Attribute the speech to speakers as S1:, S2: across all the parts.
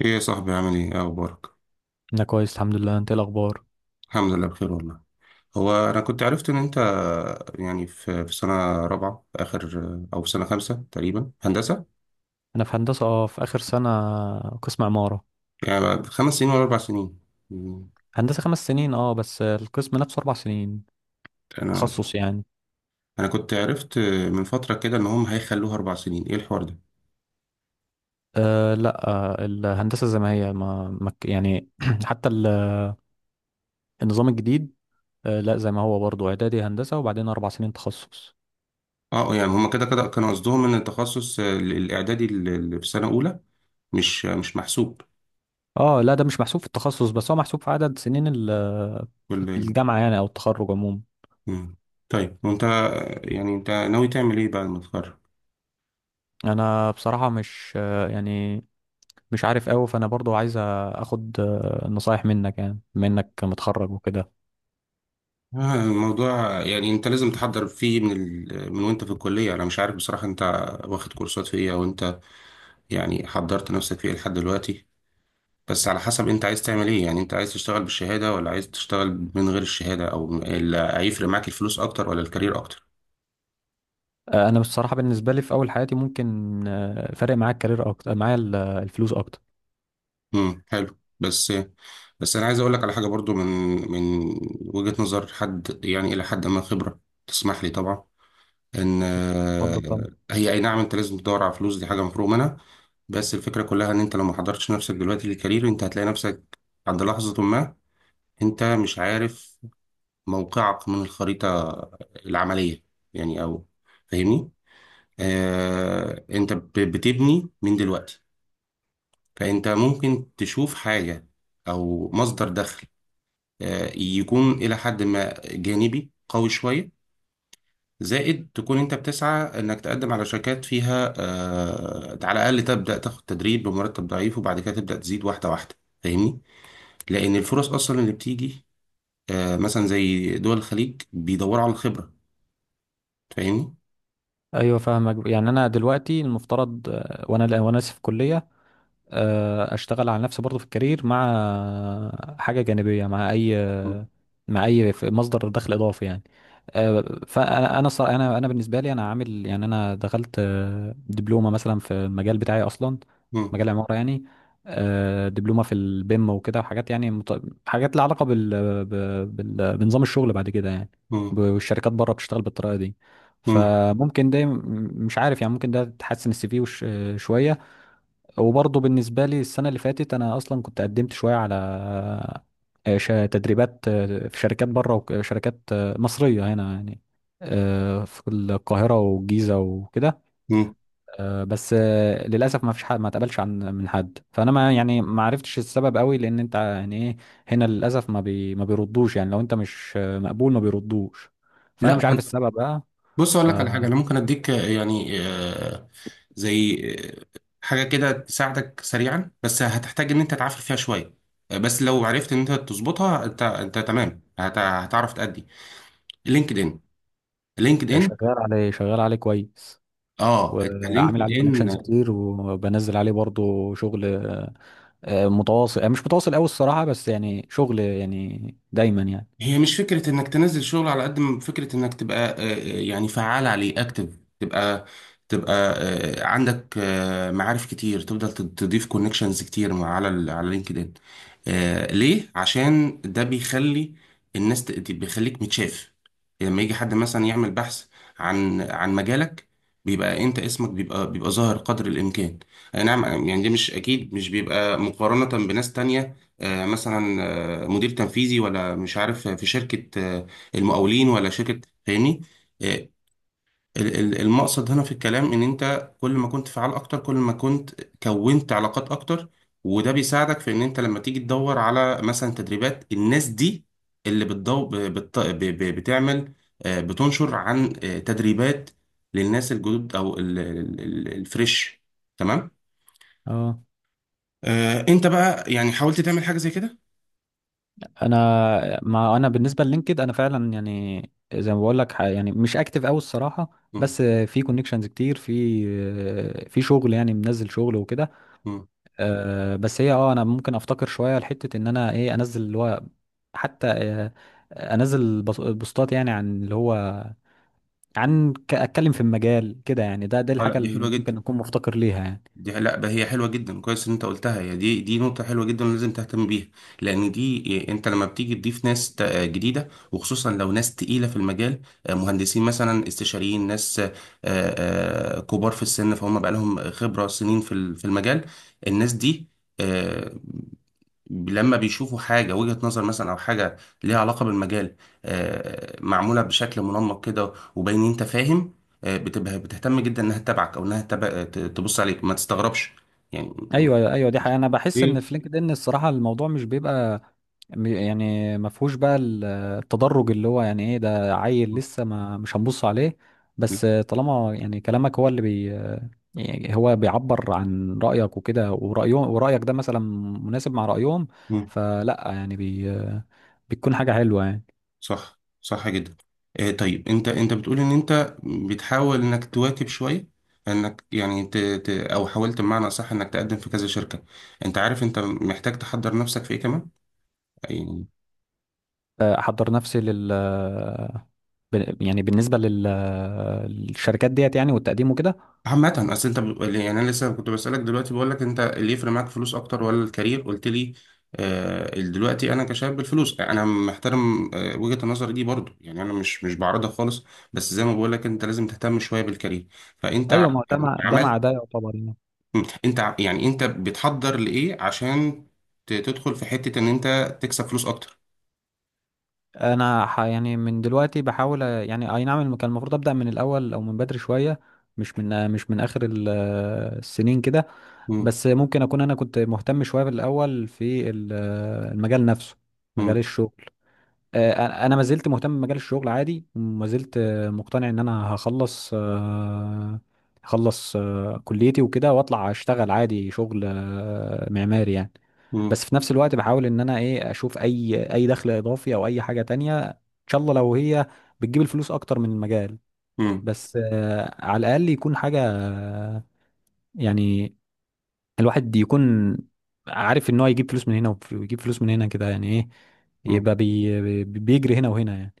S1: ايه يا صاحبي، عامل ايه؟ إيه اخبارك؟
S2: انا كويس الحمد لله. انت إيه الاخبار؟
S1: الحمد لله بخير والله. هو انا كنت عرفت ان انت يعني في سنه رابعه في اخر او في سنه خمسه تقريبا هندسه.
S2: انا في هندسه، في اخر سنه. قسم عماره.
S1: يعني بعد 5 سنين ولا 4 سنين؟ مم.
S2: هندسه خمس سنين، بس القسم نفسه اربع سنين،
S1: انا
S2: تخصص يعني.
S1: انا كنت عرفت من فتره كده ان هم هيخلوها 4 سنين، ايه الحوار ده؟
S2: آه، لا، الهندسه زي ما هي، ما ما ك- يعني حتى النظام الجديد. آه، لا، زي ما هو برضه، اعدادي هندسه وبعدين اربع سنين تخصص.
S1: يعني هم كده كده كانوا قصدهم ان التخصص الاعدادي اللي في سنه اولى مش محسوب،
S2: اه، لا، ده مش محسوب في التخصص، بس هو محسوب في عدد سنين
S1: ولا إيه؟
S2: الجامعه يعني، او التخرج عموما.
S1: مم. طيب وانت، يعني انت ناوي تعمل ايه بعد ما تتخرج؟
S2: انا بصراحه مش، يعني مش عارف قوي. فانا برضو عايز اخد نصايح منك، يعني بما انك متخرج وكده.
S1: الموضوع يعني انت لازم تحضر فيه من وانت في الكلية. انا مش عارف بصراحة انت واخد كورسات في ايه، او انت يعني حضرت نفسك في ايه لحد دلوقتي. بس على حسب انت عايز تعمل ايه، يعني انت عايز تشتغل بالشهادة ولا عايز تشتغل من غير الشهادة، هيفرق معاك الفلوس اكتر ولا الكارير اكتر؟
S2: انا بصراحه بالنسبه لي في اول حياتي ممكن فارق معايا الكارير اكتر، معايا الفلوس اكتر.
S1: حلو، بس بس انا عايز اقول لك على حاجة برضو من من وجهة نظر حد، يعني الى حد ما خبرة، تسمح لي طبعا، ان
S2: اتفضل طبعا.
S1: هي، اي نعم، انت لازم تدور على فلوس، دي حاجه مفروغ منها. بس الفكره كلها ان انت لو ما حضرتش نفسك دلوقتي للكارير، انت هتلاقي نفسك عند لحظه ما انت مش عارف موقعك من الخريطه العمليه، يعني، او فاهمني. آه انت بتبني من دلوقتي، فانت ممكن تشوف حاجه او مصدر دخل آه يكون الى حد ما جانبي قوي شويه، زائد تكون انت بتسعى انك تقدم على شركات فيها آه على الاقل تبدا تاخد تدريب بمرتب ضعيف، وبعد كده تبدا تزيد واحده واحده، فاهمني. لان الفرص اصلا اللي بتيجي آه مثلا زي دول الخليج بيدوروا على الخبره، فاهمني.
S2: ايوه، فاهمك. يعني انا دلوقتي المفترض، وانا لسه في كليه. اشتغل على نفسي برضو في الكارير، مع حاجه جانبيه، مع اي،
S1: مم.
S2: مصدر دخل اضافي يعني. آه، فانا انا ص- انا انا بالنسبه لي انا عامل، يعني انا دخلت دبلومه مثلا في المجال بتاعي اصلا.
S1: مم.
S2: مجال العماره يعني. دبلومه في البيم وكده، وحاجات يعني، حاجات لها علاقه بنظام الشغل بعد كده يعني.
S1: مم.
S2: والشركات بره بتشتغل بالطريقه دي.
S1: مم.
S2: فممكن ده، مش عارف، يعني ممكن ده تحسن السي في شويه. وبرضه بالنسبة لي السنة اللي فاتت أنا أصلا كنت قدمت شوية على تدريبات، في شركات بره وشركات مصرية هنا يعني، في القاهرة والجيزة وكده.
S1: مم.
S2: بس للأسف ما فيش حد ما اتقبلش من حد. فأنا ما عرفتش السبب قوي، لأن أنت يعني إيه؟ هنا للأسف ما بيردوش، يعني لو أنت مش مقبول ما بيردوش. فأنا
S1: لا،
S2: مش
S1: ما
S2: عارف
S1: انت-
S2: السبب بقى.
S1: بص اقول لك على حاجه،
S2: فشغال
S1: انا ممكن اديك يعني زي آه، حاجه كده تساعدك سريعا، بس هتحتاج ان انت تعافر فيها شويه. بس لو عرفت ان انت تظبطها، انت انت تمام، هتعرف تأدي لينكد ان لينكد ان.
S2: عليه، شغال عليه كويس.
S1: اه، انت
S2: وعامل
S1: لينكد
S2: عليه
S1: ان؟
S2: كونكشنز كتير، وبنزل عليه برضو شغل، متواصل، مش متواصل قوي الصراحة، بس يعني شغل، يعني دايما يعني.
S1: هي مش فكرة انك تنزل شغل على قد ما فكرة انك تبقى يعني فعال عليه اكتف، تبقى عندك معارف كتير، تفضل تضيف كونكشنز كتير، على لينكد ان. ليه؟ عشان ده بيخلي الناس بيخليك متشاف لما يجي حد مثلا يعمل بحث عن مجالك، بيبقى انت اسمك بيبقى ظاهر قدر الامكان. اي نعم، يعني ده مش اكيد، مش بيبقى مقارنة بناس تانية. مثلا مدير تنفيذي، ولا مش عارف، في شركة المقاولين، ولا شركة، فاهمني. آه، المقصد هنا في الكلام ان انت كل ما كنت فعال اكتر، كل ما كنت كونت علاقات اكتر، وده بيساعدك في ان انت لما تيجي تدور على مثلا تدريبات. الناس دي اللي بتضو ب- بت- ب- ب- بتعمل بتنشر عن تدريبات للناس الجدد او الفريش، تمام.
S2: اه،
S1: انت بقى يعني حاولت تعمل حاجة زي كده؟
S2: ما انا بالنسبة للينكد انا فعلا يعني، زي ما بقول لك، يعني مش اكتف قوي الصراحة. بس في كونكشنز كتير، في شغل، يعني منزل شغل وكده.
S1: مم.
S2: بس هي اه انا ممكن افتكر شوية لحتة، ان انا ايه، انزل اللي هو حتى، انزل بوستات يعني، عن اللي هو، اتكلم في المجال كده يعني. ده
S1: اه، لا
S2: الحاجه
S1: دي
S2: اللي
S1: حلوه جدا.
S2: ممكن اكون مفتقر ليها يعني.
S1: دي، لا ده، هي حلوه جدا، كويس ان انت قلتها. هي دي نقطه حلوه جدا، لازم تهتم بيها. لان دي إيه، انت لما بتيجي تضيف ناس جديده، وخصوصا لو ناس تقيله في المجال، مهندسين مثلا استشاريين، ناس كبار في السن، فهم بقى لهم خبره سنين في المجال. الناس دي آه، لما بيشوفوا حاجة، وجهة نظر مثلا أو حاجة ليها علاقة بالمجال، معمولة بشكل منمق كده، وباين إن أنت فاهم، بتبقى بتهتم جدا إنها تتابعك، أو إنها تبص عليك، ما تستغربش يعني.
S2: ايوه، ايوه، دي حقيقة. انا بحس ان
S1: جيل.
S2: في لينكد ان الصراحه الموضوع مش بيبقى، يعني ما فيهوش بقى التدرج، اللي هو يعني ايه، ده عيل لسه، ما مش هنبص عليه. بس طالما يعني كلامك هو اللي يعني هو بيعبر عن رايك وكده، ورايهم، ورايك ده مثلا مناسب مع رايهم،
S1: مم.
S2: فلا يعني بتكون حاجه حلوه يعني.
S1: صح، صح جدا. طيب، أنت بتقول إن أنت بتحاول إنك تواكب شوية، انك يعني او حاولت، بمعنى صح انك تقدم في كذا شركة. انت عارف انت محتاج تحضر نفسك في ايه كمان يعني؟
S2: احضر نفسي يعني بالنسبة للشركات ديت يعني، والتقديم وكده.
S1: عامة، اصل انت يعني انا لسه كنت بسألك دلوقتي، بقول لك انت اللي يفرق معاك فلوس اكتر ولا الكارير، قلت لي دلوقتي انا كشاب الفلوس. انا محترم وجهة النظر دي برضو، يعني انا مش بعرضها خالص. بس زي ما بقول لك، انت لازم تهتم شوية بالكارير. فانت
S2: ايوه، ما هو ده
S1: يعني
S2: مع ده مع
S1: عملت،
S2: ده يعتبر يعني.
S1: انت يعني انت بتحضر لايه عشان تدخل في حتة ان انت تكسب فلوس اكتر؟
S2: انا، يعني من دلوقتي بحاول، يعني، اي نعم، كان المفروض ابدا من الاول او من بدري شوية، مش من اخر السنين كده.
S1: مم.
S2: بس ممكن اكون انا كنت مهتم شوية في الاول، في المجال نفسه. مجال
S1: مم.
S2: الشغل. انا ما زلت مهتم بمجال الشغل عادي، وما زلت مقتنع ان انا هخلص كليتي وكده، واطلع اشتغل عادي شغل معماري يعني.
S1: مم.
S2: بس في نفس الوقت بحاول ان انا ايه، اشوف اي دخل اضافي، او اي حاجة تانية، ان شاء الله لو هي بتجيب الفلوس اكتر من المجال. بس على الاقل يكون حاجة، يعني الواحد يكون عارف ان هو يجيب فلوس من هنا ويجيب فلوس من هنا، كده يعني ايه،
S1: مم.
S2: يبقى بيجري هنا وهنا يعني.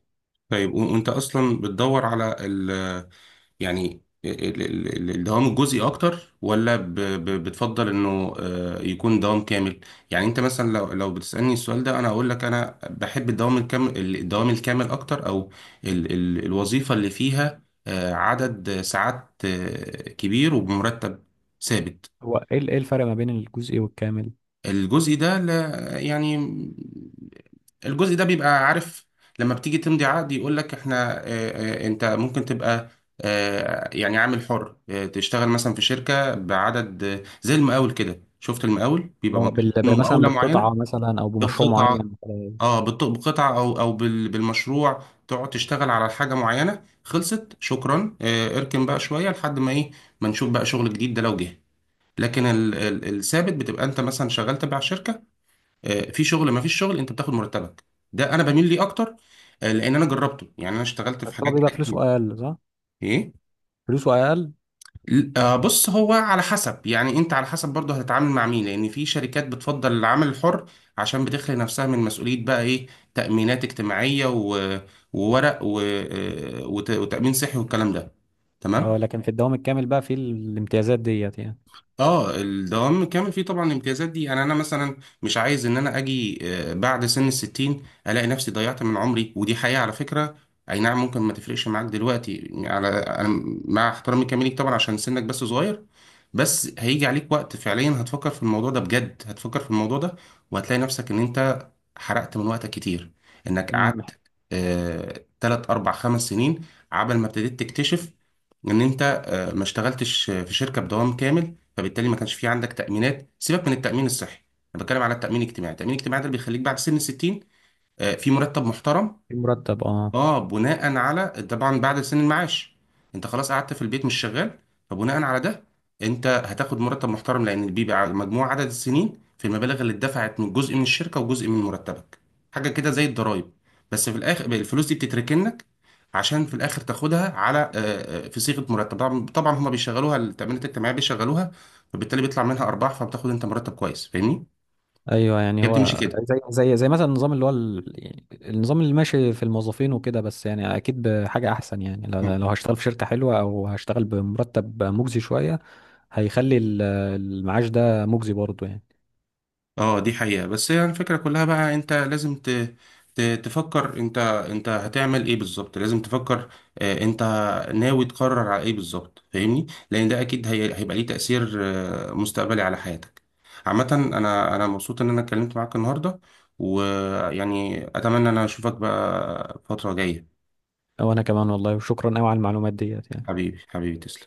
S1: طيب، وانت اصلا بتدور على يعني الدوام الجزئي اكتر، ولا بتفضل انه يكون دوام كامل؟ يعني انت مثلا، لو بتسألني السؤال ده، انا اقول لك انا بحب الدوام الكامل، الدوام الكامل اكتر، او ال ال الوظيفة اللي فيها عدد ساعات كبير وبمرتب ثابت.
S2: هو إيه الفرق ما بين الجزء والكامل؟
S1: الجزء ده، لا يعني الجزء ده بيبقى عارف، لما بتيجي تمضي عقد يقول لك احنا، انت ممكن تبقى اه يعني عامل حر، تشتغل مثلا في شركة بعدد، زي المقاول كده. شفت المقاول بيبقى
S2: اه،
S1: مطلوب منه
S2: مثلا
S1: مقاولة معينة،
S2: بالقطعة، مثلا او بمشروع معين
S1: بقطعة،
S2: مثلاً.
S1: بقطعة او بالمشروع، تقعد تشتغل على حاجة معينة، خلصت، شكرا، اركن بقى شوية لحد ما ايه، ما نشوف بقى شغل جديد، ده لو جه. لكن الثابت بتبقى انت مثلا شغال تبع شركة، في شغل ما فيش شغل انت بتاخد مرتبك. ده انا بميل ليه اكتر، لان انا جربته، يعني انا اشتغلت في
S2: بس هو
S1: حاجات
S2: بيبقى
S1: كده كتير.
S2: فلوسه اقل، صح؟
S1: ايه؟
S2: فلوسه اقل.
S1: بص، هو على حسب، يعني انت على حسب برضه هتتعامل مع مين، لان في شركات بتفضل العمل الحر عشان بتخلي نفسها من مسؤولية، بقى ايه، تأمينات اجتماعية وورق وتأمين صحي والكلام ده،
S2: اه،
S1: تمام.
S2: لكن في الدوام الكامل بقى في الامتيازات ديت يعني.
S1: اه الدوام كامل فيه طبعا الامتيازات دي، يعني انا مثلا مش عايز ان انا اجي بعد سن 60 الاقي نفسي ضيعت من عمري، ودي حقيقة على فكرة. اي نعم ممكن ما تفرقش معاك دلوقتي، على انا، مع احترامي كامل ليك طبعا، عشان سنك بس صغير، بس هيجي عليك وقت فعليا هتفكر في الموضوع ده بجد، هتفكر في الموضوع ده، وهتلاقي نفسك ان انت حرقت من وقتك كتير، انك
S2: أمم.
S1: قعدت 3 4 5 سنين عبل ما ابتديت تكتشف ان انت ما اشتغلتش في شركه بدوام كامل، فبالتالي ما كانش في عندك تامينات، سيبك من التامين الصحي، انا بتكلم على التامين الاجتماعي. التامين الاجتماعي ده اللي بيخليك بعد سن 60 في مرتب محترم،
S2: في مرتب، اه.
S1: اه بناء على، طبعا، بعد سن المعاش انت خلاص قعدت في البيت مش شغال، فبناء على ده انت هتاخد مرتب محترم، لان بيبقى مجموع عدد السنين في المبالغ اللي اتدفعت من جزء من الشركه وجزء من مرتبك، حاجه كده زي الضرايب. بس في الاخر الفلوس دي بتتركنك عشان في الاخر تاخدها على في صيغه مرتب. طبعا طبعا هما بيشغلوها، التامينات الاجتماعيه بيشغلوها، فبالتالي بيطلع منها ارباح، فبتاخد انت مرتب كويس، فاهمني؟
S2: ايوه، يعني
S1: هي بتمشي
S2: هو
S1: كده.
S2: زي مثلا النظام اللي هو يعني النظام اللي ماشي في الموظفين وكده، بس يعني اكيد بحاجة احسن يعني، لو هشتغل في شركة حلوة، او هشتغل بمرتب مجزي شوية، هيخلي المعاش ده مجزي برضه يعني.
S1: اه دي حقيقة. بس هي يعني الفكرة كلها بقى، انت لازم تفكر، انت هتعمل ايه بالظبط، لازم تفكر. انت ناوي تقرر على ايه بالظبط، فاهمني، لان ده اكيد هيبقى ليه تأثير مستقبلي على حياتك. عامة انا مبسوط ان انا اتكلمت معاك النهاردة، ويعني اتمنى ان انا اشوفك بقى فترة جاية.
S2: وانا كمان والله. وشكرا قوي على المعلومات ديت يعني.
S1: حبيبي حبيبي، تسلم.